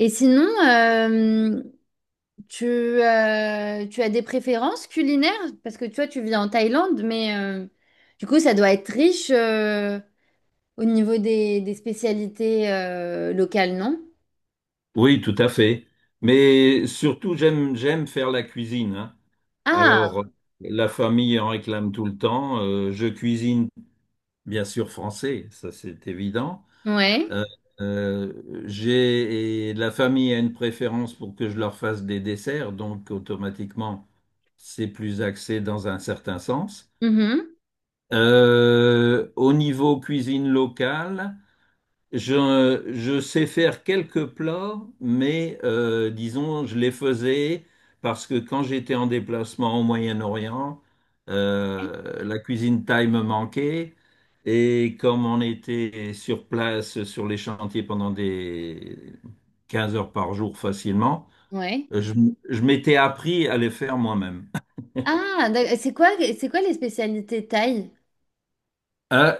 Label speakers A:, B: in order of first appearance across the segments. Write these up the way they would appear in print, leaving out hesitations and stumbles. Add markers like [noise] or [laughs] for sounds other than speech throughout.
A: Et sinon, tu as des préférences culinaires? Parce que toi, tu vis en Thaïlande, mais du coup, ça doit être riche au niveau des spécialités locales, non?
B: Oui, tout à fait. Mais surtout, j'aime faire la cuisine, hein.
A: Ah,
B: Alors, la famille en réclame tout le temps. Je cuisine bien sûr français, ça c'est évident.
A: ouais.
B: Euh, euh, j'ai et la famille a une préférence pour que je leur fasse des desserts, donc automatiquement c'est plus axé dans un certain sens.
A: Mhm.
B: Au niveau cuisine locale. Je sais faire quelques plats, mais disons, je les faisais parce que quand j'étais en déplacement au Moyen-Orient, la cuisine thaï me manquait. Et comme on était sur place, sur les chantiers pendant des 15 heures par jour facilement,
A: Ouais.
B: je, je m'étais appris à les faire moi-même.
A: C'est quoi, c'est quoi les spécialités thaï?
B: Euh,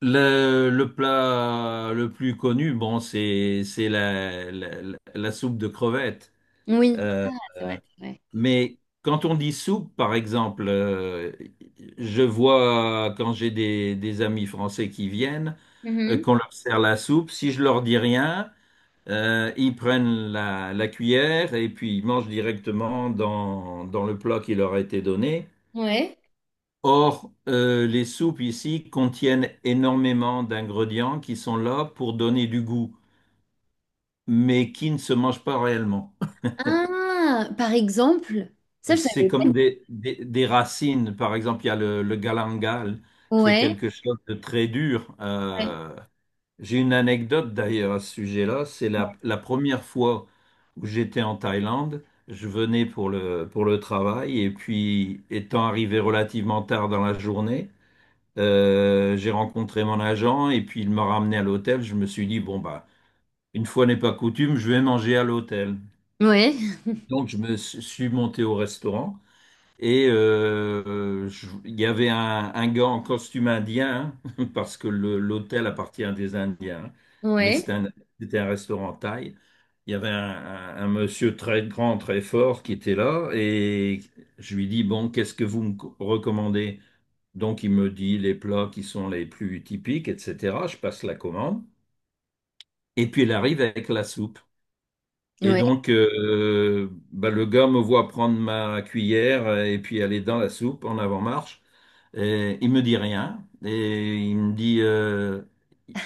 B: le plat le plus connu, bon, c'est la soupe de crevettes.
A: Oui.
B: Euh,
A: Ah, c'est vrai, c'est vrai.
B: Mais quand on dit soupe, par exemple, je vois quand j'ai des amis français qui viennent,
A: Mhm.
B: qu'on leur sert la soupe, si je leur dis rien, ils prennent la cuillère et puis ils mangent directement dans le plat qui leur a été donné.
A: Ouais.
B: Or, les soupes ici contiennent énormément d'ingrédients qui sont là pour donner du goût, mais qui ne se mangent pas réellement.
A: Ah, par exemple, ça, je
B: C'est
A: savais pas.
B: comme des racines. Par exemple, il y a le galangal, qui est
A: Ouais.
B: quelque chose de très dur.
A: Ouais.
B: J'ai une anecdote d'ailleurs à ce sujet-là. C'est
A: Ouais.
B: la première fois où j'étais en Thaïlande. Je venais pour le travail et puis, étant arrivé relativement tard dans la journée, j'ai rencontré mon agent et puis il m'a ramené à l'hôtel. Je me suis dit, bon, bah, une fois n'est pas coutume, je vais manger à l'hôtel. Donc, je me suis monté au restaurant. Il y avait un gars en costume indien, [laughs] parce que l'hôtel appartient à des Indiens, hein, mais
A: Ouais.
B: c'était un restaurant thaï. Il y avait un monsieur très grand, très fort qui était là, et je lui dis, bon, qu'est-ce que vous recommandez? Donc il me dit les plats qui sont les plus typiques, etc. Je passe la commande, et puis il arrive avec la soupe. Et
A: Ouais.
B: donc, bah, le gars me voit prendre ma cuillère et puis aller dans la soupe en avant-marche. Et il me dit rien. Et il me dit,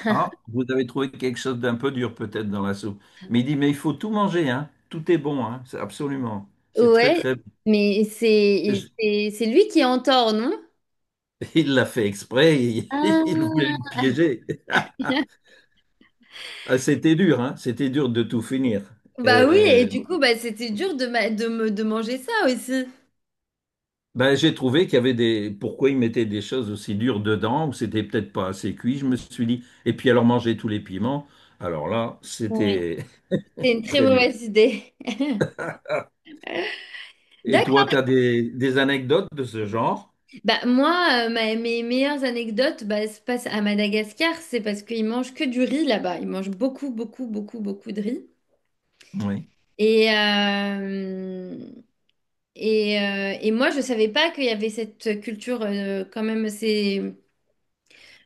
B: ah, vous avez trouvé quelque chose d'un peu dur peut-être dans la soupe. Mais il dit, mais il faut tout manger, hein. Tout est bon, hein. C'est absolument. C'est très,
A: Ouais,
B: très bon.
A: mais c'est
B: Je-
A: c'est c'est lui qui est en tort, non?
B: [laughs] Il l'a fait exprès. Il, [laughs] il voulait me
A: Ah.
B: piéger. [laughs]
A: [laughs]
B: Ah, c'était dur, hein. C'était dur de tout finir.
A: Bah oui, et
B: Euh,
A: du coup, bah c'était dur de, ma- de me de manger ça aussi.
B: Ben, j'ai trouvé qu'il y avait des... Pourquoi ils mettaient des choses aussi dures dedans, ou c'était peut-être pas assez cuit, je me suis dit. Et puis alors manger tous les piments, alors là,
A: Ouais.
B: c'était
A: C'est une
B: [laughs]
A: très
B: très dur.
A: mauvaise idée.
B: Ah.
A: [laughs]
B: Et toi,
A: D'accord.
B: tu as des... anecdotes de ce genre?
A: Bah moi, mes meilleures anecdotes, bah, se passent à Madagascar, c'est parce qu'ils mangent que du riz là-bas. Ils mangent beaucoup, beaucoup, beaucoup, beaucoup de riz.
B: Oui.
A: Et euh, et moi, je savais pas qu'il y avait cette culture quand même.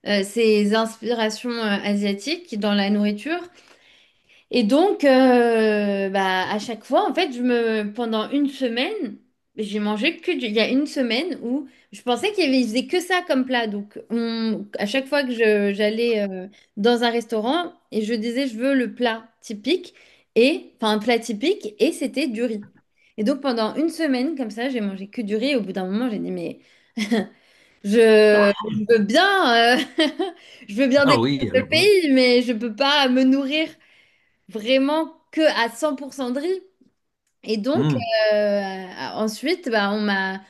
A: Ces inspirations asiatiques dans la nourriture. Et donc, bah, à chaque fois, en fait, pendant une semaine, j'ai mangé que du... Il y a une semaine où je pensais qu'il y avait, ils faisaient que ça comme plat. À chaque fois j'allais dans un restaurant et je disais, je veux le plat typique, et, enfin, un plat typique, et c'était du riz. Et donc, pendant une semaine, comme ça, j'ai mangé que du riz. Et au bout d'un moment, j'ai dit, mais... Je veux bien, [laughs] je veux bien
B: Ah
A: découvrir
B: oui,
A: le
B: alors là.
A: pays, mais je peux pas me nourrir vraiment que à 100% de riz. Et donc,
B: Hmm.
A: euh, ensuite, bah,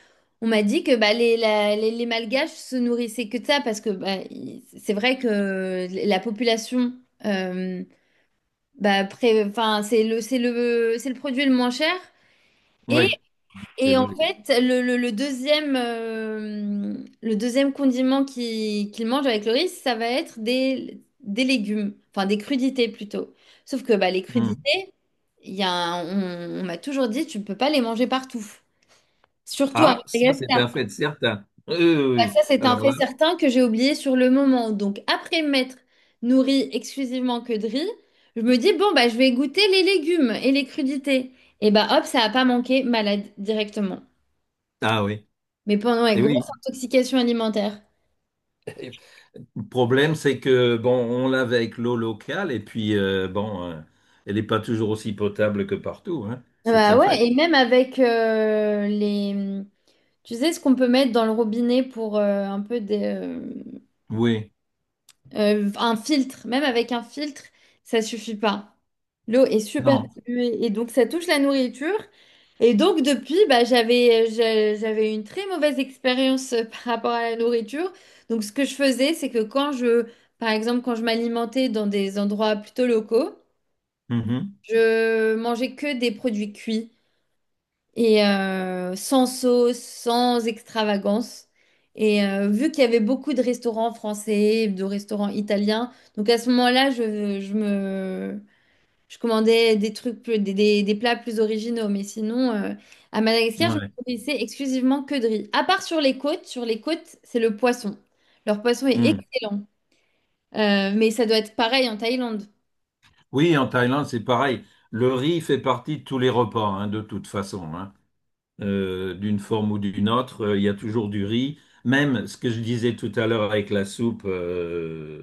A: on m'a dit que bah, les Malgaches se nourrissaient que de ça, parce que bah, c'est vrai que la population, euh, bah, enfin, c'est le produit le moins cher.
B: Oui, c'est
A: Et en
B: logique.
A: fait, le deuxième condiment qu'il mange avec le riz, ça va être des légumes, enfin des crudités plutôt. Sauf que bah, les
B: Hmm.
A: crudités, il y a un- on m'a toujours dit, tu ne peux pas les manger partout. Surtout à
B: Ah, ça, c'est un
A: Madagascar.
B: fait certain. Oui, oui,
A: Bah,
B: oui.
A: ça, c'est un
B: Alors
A: fait
B: là,
A: certain que j'ai oublié sur le moment. Donc, après m'être nourrie exclusivement que de riz, je me dis, bon, bah, je vais goûter les légumes et les crudités. Et bah, hop, ça n'a pas manqué, malade directement.
B: ah oui.
A: Mais pendant une
B: Et oui.
A: grosse intoxication alimentaire.
B: Le problème, c'est que, bon, on l'avait avec l'eau locale, et puis, bon, elle n'est pas toujours aussi potable que partout, hein. C'est
A: Bah
B: un
A: ouais,
B: fait.
A: et même avec les... Tu sais ce qu'on peut mettre dans le robinet pour un peu
B: Oui,
A: un filtre. Même avec un filtre, ça suffit pas. L'eau est super
B: non.
A: polluée et donc ça touche la nourriture. Et donc depuis, bah, j'avais une très mauvaise expérience [laughs] par rapport à la nourriture. Donc ce que je faisais, c'est que par exemple, quand je m'alimentais dans des endroits plutôt locaux,
B: Mhm.
A: je mangeais que des produits cuits et sans sauce, sans extravagance. Et vu qu'il y avait beaucoup de restaurants français, de restaurants italiens, donc à ce moment-là, je commandais des trucs plus, des plats plus originaux. Mais sinon, à Madagascar, je me
B: Ouais.
A: nourrissais exclusivement que de riz. À part sur les côtes, c'est le poisson. Leur poisson est
B: Mm.
A: excellent. Mais ça doit être pareil en Thaïlande.
B: Oui, en Thaïlande, c'est pareil. Le riz fait partie de tous les repas, hein, de toute façon, hein, d'une forme ou d'une autre. Il y a toujours du riz. Même ce que je disais tout à l'heure avec la soupe euh,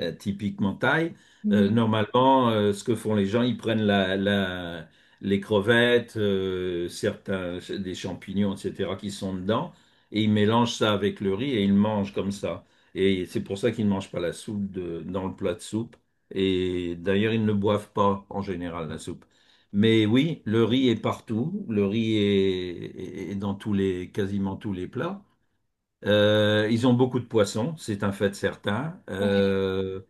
B: euh, typiquement thaï,
A: Mhm.
B: normalement, ce que font les gens, ils prennent les crevettes, certains, des champignons, etc., qui sont dedans, et ils mélangent ça avec le riz et ils le mangent comme ça. Et c'est pour ça qu'ils ne mangent pas la dans le plat de soupe. Et d'ailleurs, ils ne boivent pas en général la soupe. Mais oui, le riz est partout. Le riz est dans tous les, quasiment tous les plats. Ils ont beaucoup de poissons, c'est un fait certain. Euh,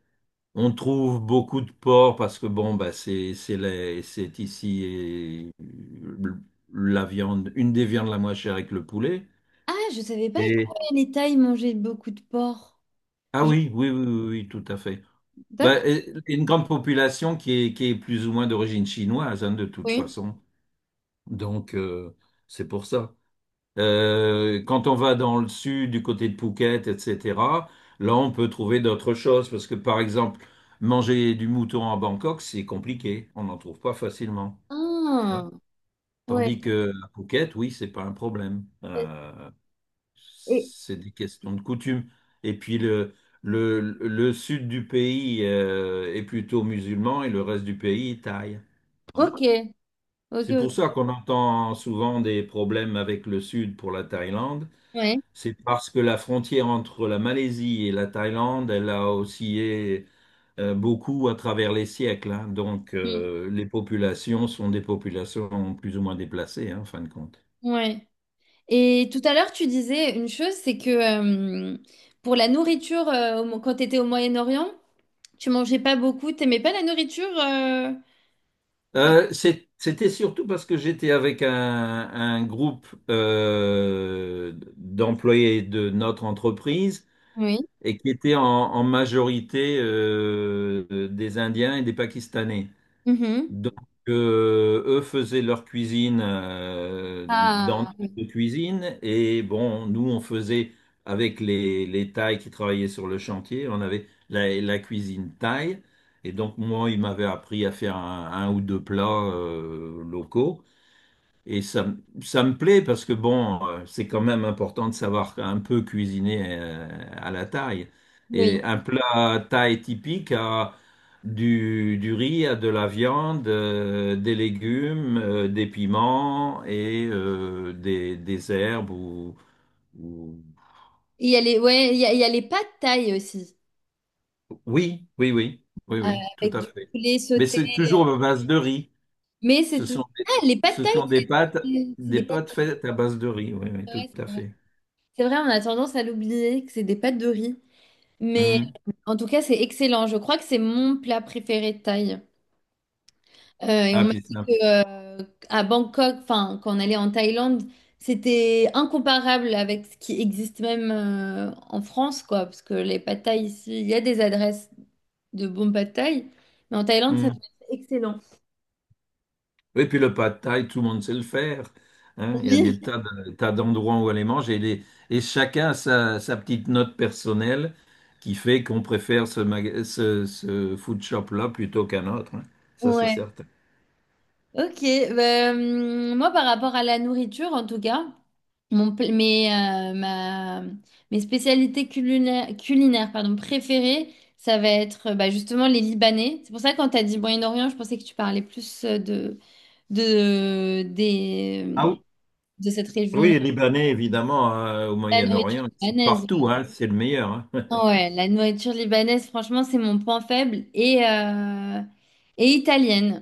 B: on trouve beaucoup de porc parce que bon, bah c'est c'est ici et la viande, une des viandes la moins chère avec le poulet.
A: Ah, je savais pas
B: Et...
A: que les Thaïs mangeaient beaucoup de porc.
B: Ah
A: Je-
B: oui, oui, oui, oui, oui, tout à fait. Bah,
A: D'accord,
B: et une grande population qui est plus ou moins d'origine chinoise, hein, de toute
A: oui.
B: façon. Donc, c'est pour ça. Quand on va dans le sud, du côté de Phuket, etc., là, on peut trouver d'autres choses. Parce que, par exemple, manger du mouton à Bangkok, c'est compliqué. On n'en trouve pas facilement. Ouais.
A: Ah, ouais.
B: Tandis que à Phuket, oui, c'est pas un problème. C'est des questions de coutume. Et puis, le sud du pays est plutôt musulman et le reste du pays est thaï, hein.
A: Ok, ok,
B: C'est pour
A: ok.
B: ça qu'on entend souvent des problèmes avec le sud pour la Thaïlande.
A: Ouais.
B: C'est parce que la frontière entre la Malaisie et la Thaïlande, elle a oscillé beaucoup à travers les siècles, hein. Donc,
A: Mm.
B: les populations sont des populations plus ou moins déplacées, hein, en fin de compte.
A: Ouais. Et tout à l'heure, tu disais une chose, c'est que euh, pour la nourriture, quand tu étais au Moyen-Orient, tu mangeais pas beaucoup, t'aimais pas la nourriture
B: C'était surtout parce que j'étais avec un groupe d'employés de notre entreprise
A: Oui.
B: et qui était en majorité des Indiens et des Pakistanais.
A: Mhm.
B: Donc, eux faisaient leur cuisine dans
A: Ah,
B: notre cuisine et bon, nous on faisait avec les Thaïs qui travaillaient sur le chantier, on avait la cuisine thaï et donc moi il m'avait appris à faire un ou deux plats locaux et ça, ça me plaît parce que bon, c'est quand même important de savoir un peu cuisiner à la taille.
A: oui.
B: Et un plat thaï typique a du riz, a de la viande, des légumes, des piments et des herbes ou.
A: Il y a les, ouais, il y a les pâtes thaï aussi,
B: Oui, oui, oui, oui,
A: euh,
B: oui, tout
A: avec
B: à
A: du
B: fait.
A: poulet
B: Mais
A: sauté.
B: c'est toujours à base de riz.
A: Mais c'est
B: Ce
A: tout.
B: sont des,
A: Ah, les pâtes
B: ce
A: thaï,
B: sont
A: c'est
B: des
A: des
B: pâtes
A: pâtes.
B: faites à base de riz, oui, oui, tout
A: Ouais,
B: à fait.
A: c'est vrai, on a tendance à l'oublier, que c'est des pâtes de riz. Mais
B: Mhm.
A: en tout cas, c'est excellent. Je crois que c'est mon plat préféré de Thaï. Et on
B: Ah,
A: m'a
B: puis c'est.
A: dit que, à Bangkok, enfin, quand on allait en Thaïlande, c'était incomparable avec ce qui existe même en France, quoi. Parce que les pâtes thaï ici, il y a des adresses de bons pâtes thaï, mais en Thaïlande, ça
B: Mm.
A: doit être excellent.
B: Et puis le pad thaï, tout le monde sait le faire, hein. Il y a
A: Oui,
B: des tas d'endroits où aller manger. Et, et chacun a sa petite note personnelle qui fait qu'on préfère ce food shop-là plutôt qu'un autre, hein. Ça, c'est
A: ouais.
B: certain.
A: Ok, ben, moi par rapport à la nourriture en tout cas, mon, pl- mes, ma- mes spécialités culinaires, culinaires pardon, préférées, ça va être bah, justement les Libanais. C'est pour ça que quand tu as dit Moyen-Orient, je pensais que tu parlais plus de, des,
B: Ah oui,
A: de cette
B: oui,
A: région-là,
B: les Libanais, évidemment, au
A: la nourriture
B: Moyen-Orient, ils sont
A: libanaise.
B: partout, hein. C'est le meilleur, hein. [laughs]
A: Ah ouais, la nourriture libanaise, franchement, c'est mon point faible et italienne.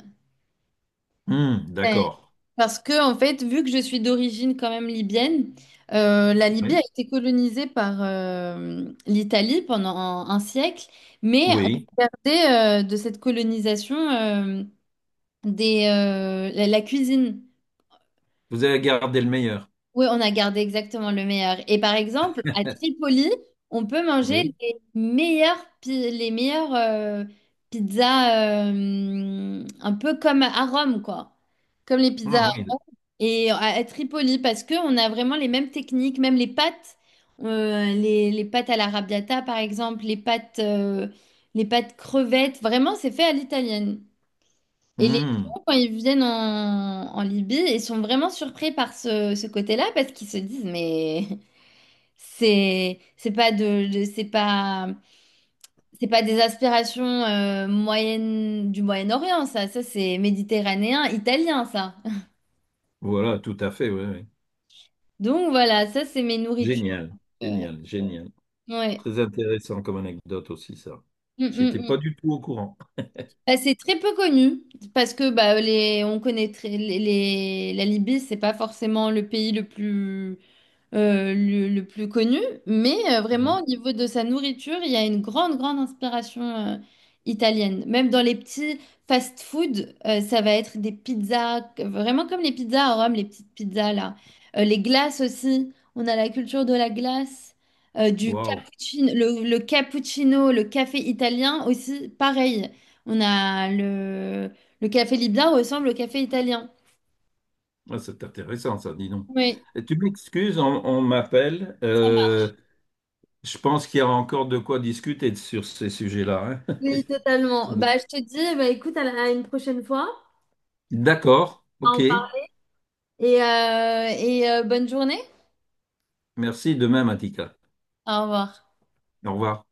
B: D'accord.
A: Parce que, en fait, vu que je suis d'origine quand même libyenne, la Libye a
B: Oui.
A: été colonisée par l'Italie pendant un siècle, mais on
B: Oui.
A: gardait de cette colonisation la cuisine.
B: Vous avez gardé le meilleur.
A: Oui, on a gardé exactement le meilleur. Et par exemple, à Tripoli, on peut manger
B: Oui.
A: les meilleures, les meilleures pizzas, un peu comme à Rome, quoi. Comme les pizzas.
B: Ah, oui.
A: Et à Tripoli, parce qu'on a vraiment les mêmes techniques, même les pâtes, les pâtes à l'arrabbiata par exemple, les pâtes crevettes, vraiment c'est fait à l'italienne. Et les
B: Hum,
A: gens, quand ils viennent en Libye, ils sont vraiment surpris par ce côté-là parce qu'ils se disent, mais [laughs] c'est pas, c'est pas des aspirations moyennes du Moyen-Orient, ça c'est méditerranéen, italien, ça. [laughs]
B: voilà, tout à fait, oui, oui.
A: Donc voilà, ça c'est mes nourritures.
B: Génial.
A: Euh,
B: Génial. Génial.
A: ouais.
B: Très intéressant comme anecdote aussi, ça.
A: Mm, mm,
B: J'étais pas
A: mm.
B: du tout au courant.
A: Bah, c'est très peu connu parce que bah, on connaît très- la Libye, c'est pas forcément le pays le plus le plus connu, mais vraiment au niveau de sa nourriture, il y a une grande, grande inspiration italienne. Même dans les petits fast-food, ça va être des pizzas, que- vraiment comme les pizzas à Rome, les petites pizzas là. Les glaces aussi, on a la culture de la glace, du
B: Waouh.
A: cappuccino, le cappuccino, le café italien aussi, pareil. On a le café libyen ressemble au café italien.
B: Ah, c'est intéressant, ça, dis donc.
A: Oui.
B: Et tu m'excuses, on m'appelle. Je pense qu'il y a encore de quoi discuter sur ces sujets-là, hein.
A: Oui, totalement. Bah,
B: [laughs]
A: je te dis, bah, écoute, à une prochaine fois.
B: D'accord, ok.
A: On parle. Et bonne journée.
B: Merci, de même, Atika.
A: Au revoir.
B: Au revoir.